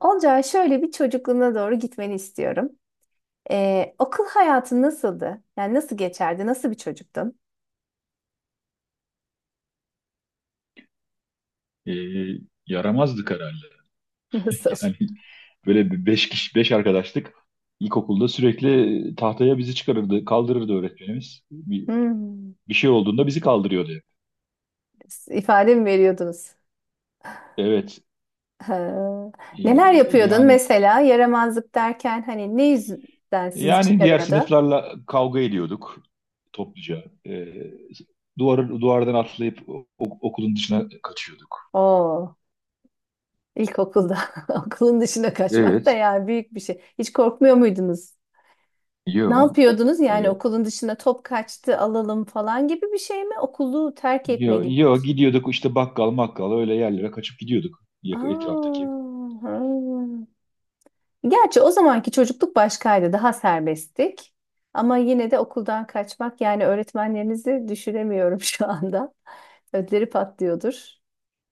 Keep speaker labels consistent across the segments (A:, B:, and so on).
A: Olcay, şöyle bir çocukluğuna doğru gitmeni istiyorum. Okul hayatın nasıldı? Yani nasıl geçerdi? Nasıl bir çocuktun?
B: e, Yaramazdık herhalde.
A: Nasıl?
B: Yani böyle bir beş kişi, beş arkadaşlık ilkokulda sürekli tahtaya bizi çıkarırdı, kaldırırdı öğretmenimiz.
A: Hmm.
B: Bir şey olduğunda bizi kaldırıyordu.
A: İfade mi veriyordunuz?
B: Evet.
A: Ha.
B: e,
A: Neler yapıyordun
B: yani
A: mesela? Yaramazlık derken hani ne yüzden sizi
B: yani diğer
A: çıkarıyordu?
B: sınıflarla kavga ediyorduk topluca. Duvardan atlayıp okulun dışına kaçıyorduk.
A: Oo, ilkokulda okulun dışına kaçmak da
B: Evet,
A: yani büyük bir şey. Hiç korkmuyor muydunuz? Ne
B: yo.
A: yapıyordunuz? Yani
B: E,
A: okulun dışına top kaçtı alalım falan gibi bir şey mi? Okulu terk etme gibi.
B: Yo, gidiyorduk işte bakkal makkal öyle yerlere kaçıp gidiyorduk
A: Aa,
B: etraftaki.
A: ha. Gerçi o zamanki çocukluk başkaydı, daha serbesttik. Ama yine de okuldan kaçmak yani öğretmenlerinizi düşünemiyorum şu anda. Ödleri patlıyordur.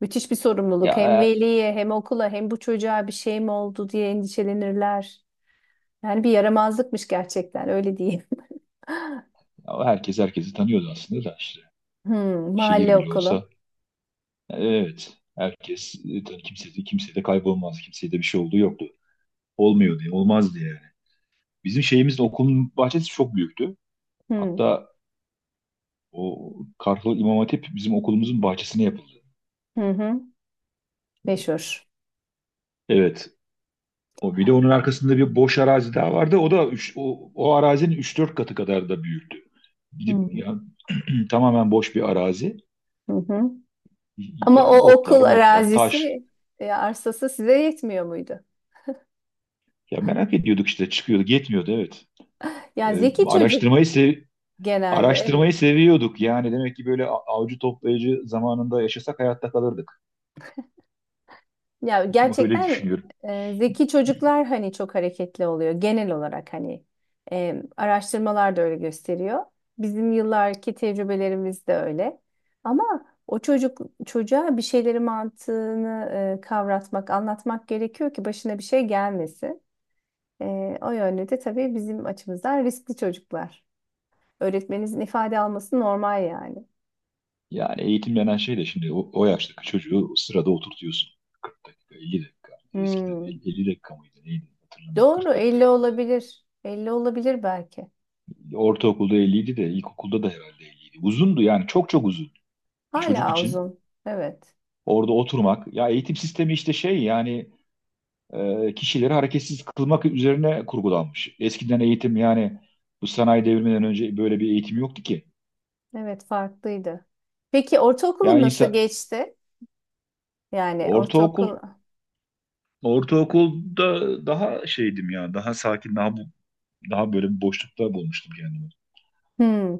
A: Müthiş bir sorumluluk. Hem
B: Ya,
A: veliye hem okula hem bu çocuğa bir şey mi oldu diye endişelenirler. Yani bir yaramazlıkmış gerçekten, öyle diyeyim.
B: ama herkes herkesi tanıyordu aslında da işte.
A: Hmm,
B: Şehir
A: mahalle
B: bile olsa.
A: okulu.
B: Evet. Herkes, kimse de kaybolmaz. Kimseye de bir şey olduğu yoktu. Olmuyordu. Olmazdı yani. Bizim şeyimiz de okulun bahçesi çok büyüktü.
A: Hmm.
B: Hatta o Kartal İmam Hatip bizim okulumuzun bahçesine yapıldı.
A: Hı hı. Meşhur.
B: Evet. O bir de onun arkasında bir boş arazi daha vardı. O da o arazinin üç dört katı kadar da büyüktü. Gidip
A: Hmm.
B: yani, tamamen boş bir arazi.
A: Hı hı. Ama
B: Yani
A: o
B: otlar,
A: okul
B: motlar, taş.
A: arazisi, arsası size yetmiyor muydu?
B: Ya merak ediyorduk işte çıkıyordu, yetmiyordu, evet.
A: Ya
B: E,
A: zeki çocuk
B: araştırmayı sev
A: genelde, evet.
B: Araştırmayı seviyorduk. Yani demek ki böyle avcı toplayıcı zamanında yaşasak hayatta kalırdık.
A: Ya
B: Öyle
A: gerçekten
B: düşünüyorum.
A: zeki çocuklar hani çok hareketli oluyor genel olarak, hani araştırmalar da öyle gösteriyor. Bizim yıllarki tecrübelerimiz de öyle. Ama o çocuk çocuğa bir şeyleri mantığını kavratmak, anlatmak gerekiyor ki başına bir şey gelmesin. O yönde de tabii bizim açımızdan riskli çocuklar. Öğretmeninizin ifade alması normal yani.
B: Yani eğitim denen şey de şimdi o yaştaki çocuğu sırada oturtuyorsun. 40 dakika, 50 dakika. Eskiden
A: Hmm.
B: 50 dakika mıydı neydi hatırlamıyorum.
A: Doğru,
B: 40
A: 50
B: dakikaydı yine.
A: olabilir. Elli olabilir belki.
B: Ortaokulda 50 idi de ilkokulda da herhalde 50 idi. Uzundu yani çok çok uzun. Bir çocuk
A: Hala
B: için
A: uzun. Evet.
B: orada oturmak. Ya, eğitim sistemi işte şey, yani kişileri hareketsiz kılmak üzerine kurgulanmış. Eskiden eğitim, yani bu sanayi devriminden önce böyle bir eğitim yoktu ki.
A: Evet, farklıydı. Peki ortaokulun
B: Yani
A: nasıl
B: insan
A: geçti? Yani
B: ortaokul,
A: ortaokul.
B: ortaokulda daha şeydim ya daha sakin, daha böyle bir boşlukta bulmuştum kendimi.
A: Hmm.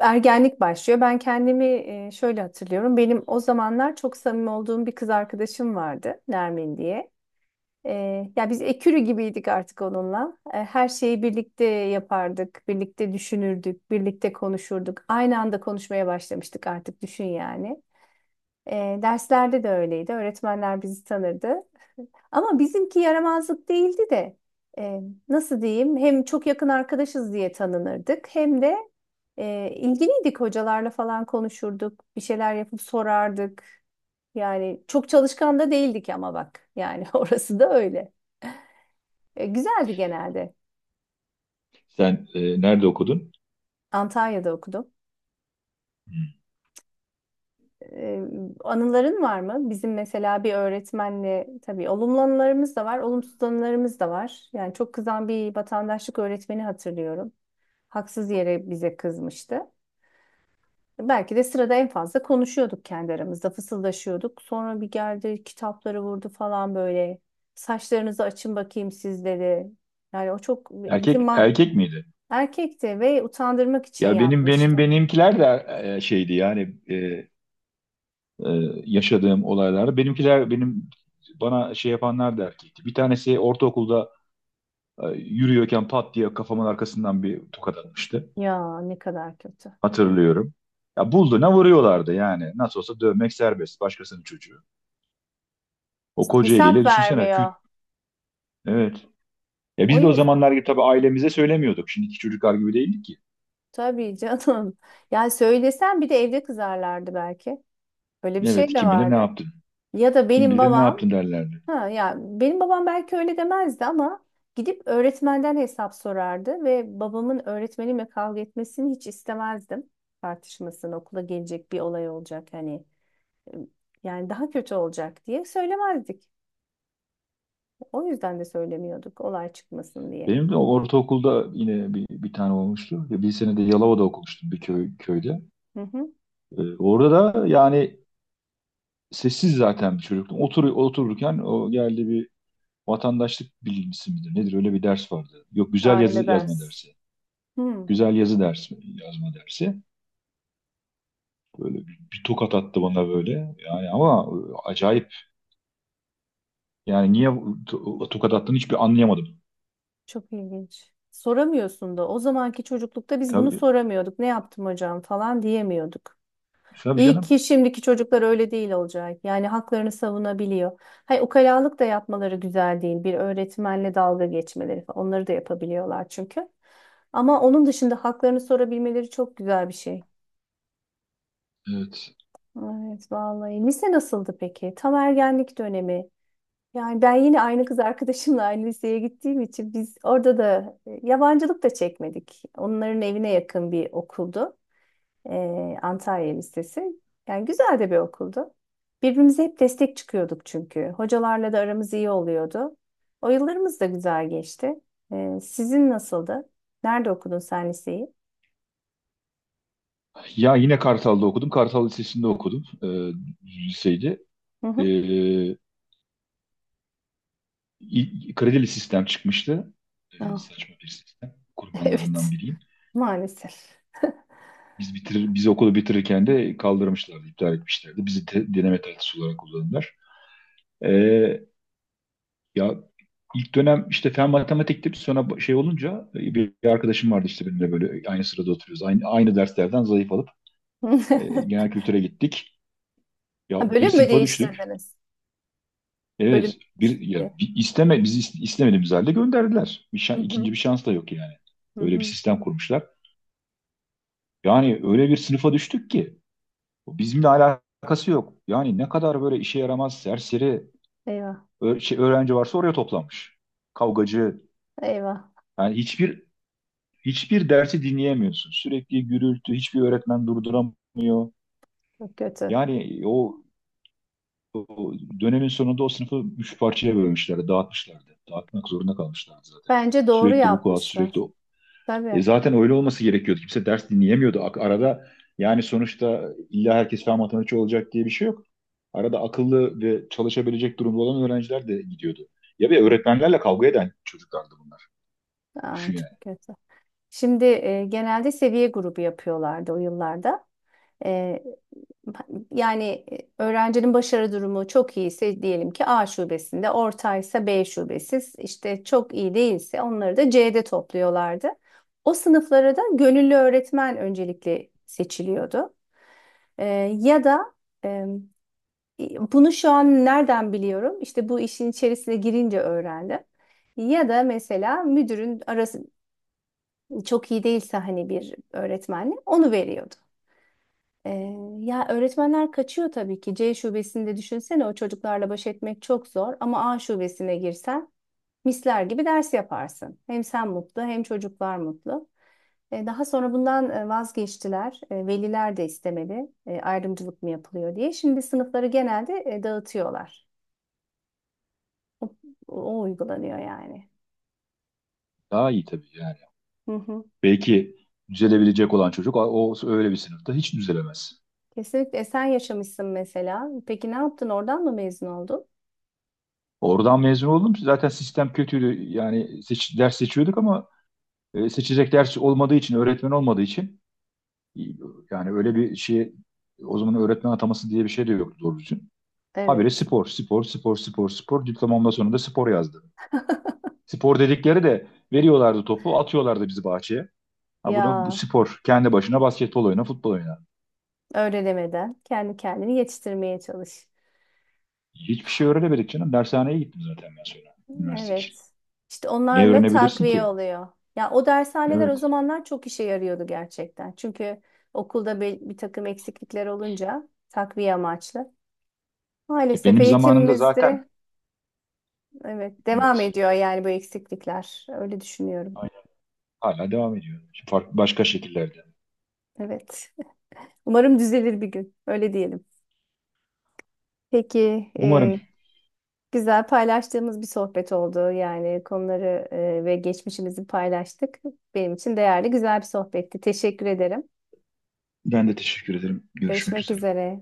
A: Ergenlik başlıyor. Ben kendimi şöyle hatırlıyorum. Benim o zamanlar çok samimi olduğum bir kız arkadaşım vardı, Nermin diye. E, Ya biz ekürü gibiydik artık onunla. Her şeyi birlikte yapardık, birlikte düşünürdük, birlikte konuşurduk. Aynı anda konuşmaya başlamıştık artık, düşün yani. Derslerde de öyleydi. Öğretmenler bizi tanırdı. Ama bizimki yaramazlık değildi de e, nasıl diyeyim, hem çok yakın arkadaşız diye tanınırdık hem de ilgiliydik, hocalarla falan konuşurduk. Bir şeyler yapıp sorardık. Yani çok çalışkan da değildik ama bak yani orası da öyle. Güzeldi genelde.
B: Sen nerede okudun?
A: Antalya'da okudum.
B: Hmm.
A: Ee, Anıların var mı? Bizim mesela bir öğretmenle tabii olumlu anılarımız da var, olumsuz anılarımız da var. Yani çok kızan bir vatandaşlık öğretmeni hatırlıyorum. Haksız yere bize kızmıştı. Belki de sırada en fazla konuşuyorduk kendi aramızda, fısıldaşıyorduk. Sonra bir geldi, kitapları vurdu falan böyle. Saçlarınızı açın bakayım siz, dedi. Yani o çok bizim
B: Erkek
A: mah
B: erkek miydi?
A: Erkekti ve utandırmak için
B: Ya benim
A: yapmıştı.
B: benim benimkiler de e, şeydi yani e, e, yaşadığım olaylar. Benimkiler, benim bana şey yapanlar da erkekti. Bir tanesi ortaokulda, yürüyorken pat diye kafamın arkasından bir tokat atmıştı.
A: Ya, ne kadar kötü.
B: Hatırlıyorum. Ya, bulduğuna vuruyorlardı yani. Nasıl olsa dövmek serbest. Başkasının çocuğu. O koca
A: Hesap
B: eliyle düşünsene. Küt.
A: vermiyor.
B: Evet. Ya,
A: O
B: biz de o
A: yüzden.
B: zamanlar gibi tabii ailemize söylemiyorduk. Şimdiki çocuklar gibi değildik ki.
A: Tabii canım. Yani söylesen bir de evde kızarlardı belki. Öyle bir şey
B: Evet,
A: de
B: kim bilir ne
A: vardı.
B: yaptın.
A: Ya da
B: Kim
A: benim
B: bilir ne
A: babam,
B: yaptın derlerdi.
A: ha ya benim babam belki öyle demezdi ama gidip öğretmenden hesap sorardı ve babamın öğretmenimle kavga etmesini hiç istemezdim. Tartışmasını, okula gelecek bir olay olacak, hani e, yani daha kötü olacak diye söylemezdik. O yüzden de söylemiyorduk, olay çıkmasın diye.
B: Benim de ortaokulda yine bir tane olmuştu. Ya, bir sene de Yalova'da okumuştum bir köyde.
A: Hı hı.
B: Orada da yani sessiz zaten bir çocuktum. Otururken o geldi bir, vatandaşlık bilgisi midir nedir öyle bir ders vardı. Yok, güzel yazı
A: Aynı
B: yazma
A: ders.
B: dersi.
A: Hı.
B: Güzel yazı dersi, yazma dersi. Böyle bir tokat attı bana böyle. Yani ama acayip. Yani niye tokat attığını hiçbir anlayamadım.
A: Çok ilginç. Soramıyorsun da. O zamanki çocuklukta biz bunu
B: Tabii,
A: soramıyorduk. Ne yaptım hocam falan diyemiyorduk.
B: tabii
A: İyi ki
B: canım.
A: şimdiki çocuklar öyle değil, olacak. Yani haklarını savunabiliyor. Hay, ukalalık da yapmaları güzel değil. Bir öğretmenle dalga geçmeleri falan. Onları da yapabiliyorlar çünkü. Ama onun dışında haklarını sorabilmeleri çok güzel bir şey.
B: Evet.
A: Evet vallahi. Lise nasıldı peki? Tam ergenlik dönemi. Yani ben yine aynı kız arkadaşımla aynı liseye gittiğim için biz orada da yabancılık da çekmedik. Onların evine yakın bir okuldu. Antalya Lisesi. Yani güzel de bir okuldu. Birbirimize hep destek çıkıyorduk çünkü. Hocalarla da aramız iyi oluyordu. O yıllarımız da güzel geçti. Sizin nasıldı? Nerede okudun sen liseyi?
B: Ya, yine Kartal'da okudum. Kartal Lisesi'nde okudum. Liseydi.
A: Hı
B: E,
A: hı.
B: Kredili sistem çıkmıştı. E,
A: Ah,
B: saçma bir sistem. Kurbanlarından
A: evet,
B: biriyim.
A: maalesef.
B: Biz okulu bitirirken de kaldırmışlardı, iptal etmişlerdi. Bizi de deneme tatlısı olarak kullandılar. Ee, ya ilk dönem işte fen matematikti. Sonra şey olunca, bir arkadaşım vardı işte benimle böyle aynı sırada oturuyoruz. Aynı derslerden zayıf alıp genel kültüre gittik. Ya,
A: Ha,
B: bir
A: bölüm mü
B: sınıfa düştük.
A: değiştirdiniz? Bölüm
B: Evet, bir ya
A: değişikliği.
B: bir isteme bizi is- istemediğimiz halde gönderdiler.
A: Hı hı.
B: İkinci bir şans da yok yani.
A: Hı
B: Öyle bir
A: hı.
B: sistem kurmuşlar. Yani öyle bir sınıfa düştük ki bizimle alakalı alakası yok. Yani ne kadar böyle işe yaramaz, serseri,
A: Eyvah.
B: Öğrenci varsa oraya toplanmış. Kavgacı.
A: Eyvah,
B: Yani hiçbir dersi dinleyemiyorsun. Sürekli gürültü, hiçbir öğretmen durduramıyor.
A: çok kötü.
B: Yani o dönemin sonunda o sınıfı üç parçaya bölmüşlerdi, dağıtmışlardı. Dağıtmak zorunda kalmışlardı zaten.
A: Bence doğru
B: Sürekli bu kuat, sürekli
A: yapmışlar.
B: o. E,
A: Tabii.
B: zaten öyle olması gerekiyordu. Kimse ders dinleyemiyordu. Arada, yani sonuçta illa herkes fen matematikçi olacak diye bir şey yok. Arada akıllı ve çalışabilecek durumda olan öğrenciler de gidiyordu. Ya, bir öğretmenlerle kavga eden çocuklardı bunlar.
A: Aa,
B: Düşün yani.
A: çok kötü. Şimdi genelde seviye grubu yapıyorlardı o yıllarda. E, Yani öğrencinin başarı durumu çok iyiyse diyelim ki A şubesinde, ortaysa B şubesi, işte çok iyi değilse onları da C'de topluyorlardı. O sınıflara da gönüllü öğretmen öncelikle seçiliyordu. E, Ya da e, bunu şu an nereden biliyorum? İşte bu işin içerisine girince öğrendim. Ya da mesela müdürün arası çok iyi değilse hani bir öğretmenle onu veriyordu. Ee, Ya öğretmenler kaçıyor tabii ki. C şubesinde düşünsene, o çocuklarla baş etmek çok zor ama A şubesine girsen misler gibi ders yaparsın. Hem sen mutlu hem çocuklar mutlu. Daha sonra bundan vazgeçtiler. E, veliler de istemedi. E, ayrımcılık mı yapılıyor diye. Şimdi sınıfları genelde dağıtıyorlar. O, o uygulanıyor yani.
B: Daha iyi tabii yani.
A: Hı hı.
B: Belki düzelebilecek olan çocuk o öyle bir sınıfta hiç düzelemez.
A: Kesinlikle. E, sen yaşamışsın mesela. Peki ne yaptın? Oradan mı mezun oldun?
B: Oradan mezun oldum. Zaten sistem kötüydü. Yani ders seçiyorduk ama seçecek ders olmadığı için, öğretmen olmadığı için, e, yani öyle bir şey, o zaman öğretmen ataması diye bir şey de yoktu doğru düzgün. Habire
A: Evet.
B: spor, spor, spor, spor, spor. Diplomamda sonunda spor yazdı. Spor dedikleri de, veriyorlardı topu, atıyorlardı bizi bahçeye. Ha bunu, bu
A: Ya
B: spor, kendi başına basketbol oyna, futbol oyna.
A: öyle demeden kendi kendini yetiştirmeye çalış.
B: Hiçbir şey öğrenemedik canım. Dershaneye gittim zaten ben sonra, üniversite için.
A: Evet. İşte
B: Ne
A: onlarla
B: öğrenebilirsin
A: takviye
B: ki?
A: oluyor. Ya o dershaneler o
B: Evet.
A: zamanlar çok işe yarıyordu gerçekten. Çünkü okulda bir takım eksiklikler olunca takviye amaçlı.
B: E,
A: Maalesef
B: benim zamanımda zaten,
A: eğitimimizde evet devam
B: evet.
A: ediyor yani bu eksiklikler. Öyle düşünüyorum.
B: Aynen. Hala devam ediyor. Şimdi farklı başka şekillerde.
A: Evet. Umarım düzelir bir gün. Öyle diyelim. Peki,
B: Umarım.
A: güzel paylaştığımız bir sohbet oldu. Yani konuları ve geçmişimizi paylaştık. Benim için değerli, güzel bir sohbetti. Teşekkür ederim.
B: Ben de teşekkür ederim. Görüşmek
A: Görüşmek
B: üzere.
A: üzere.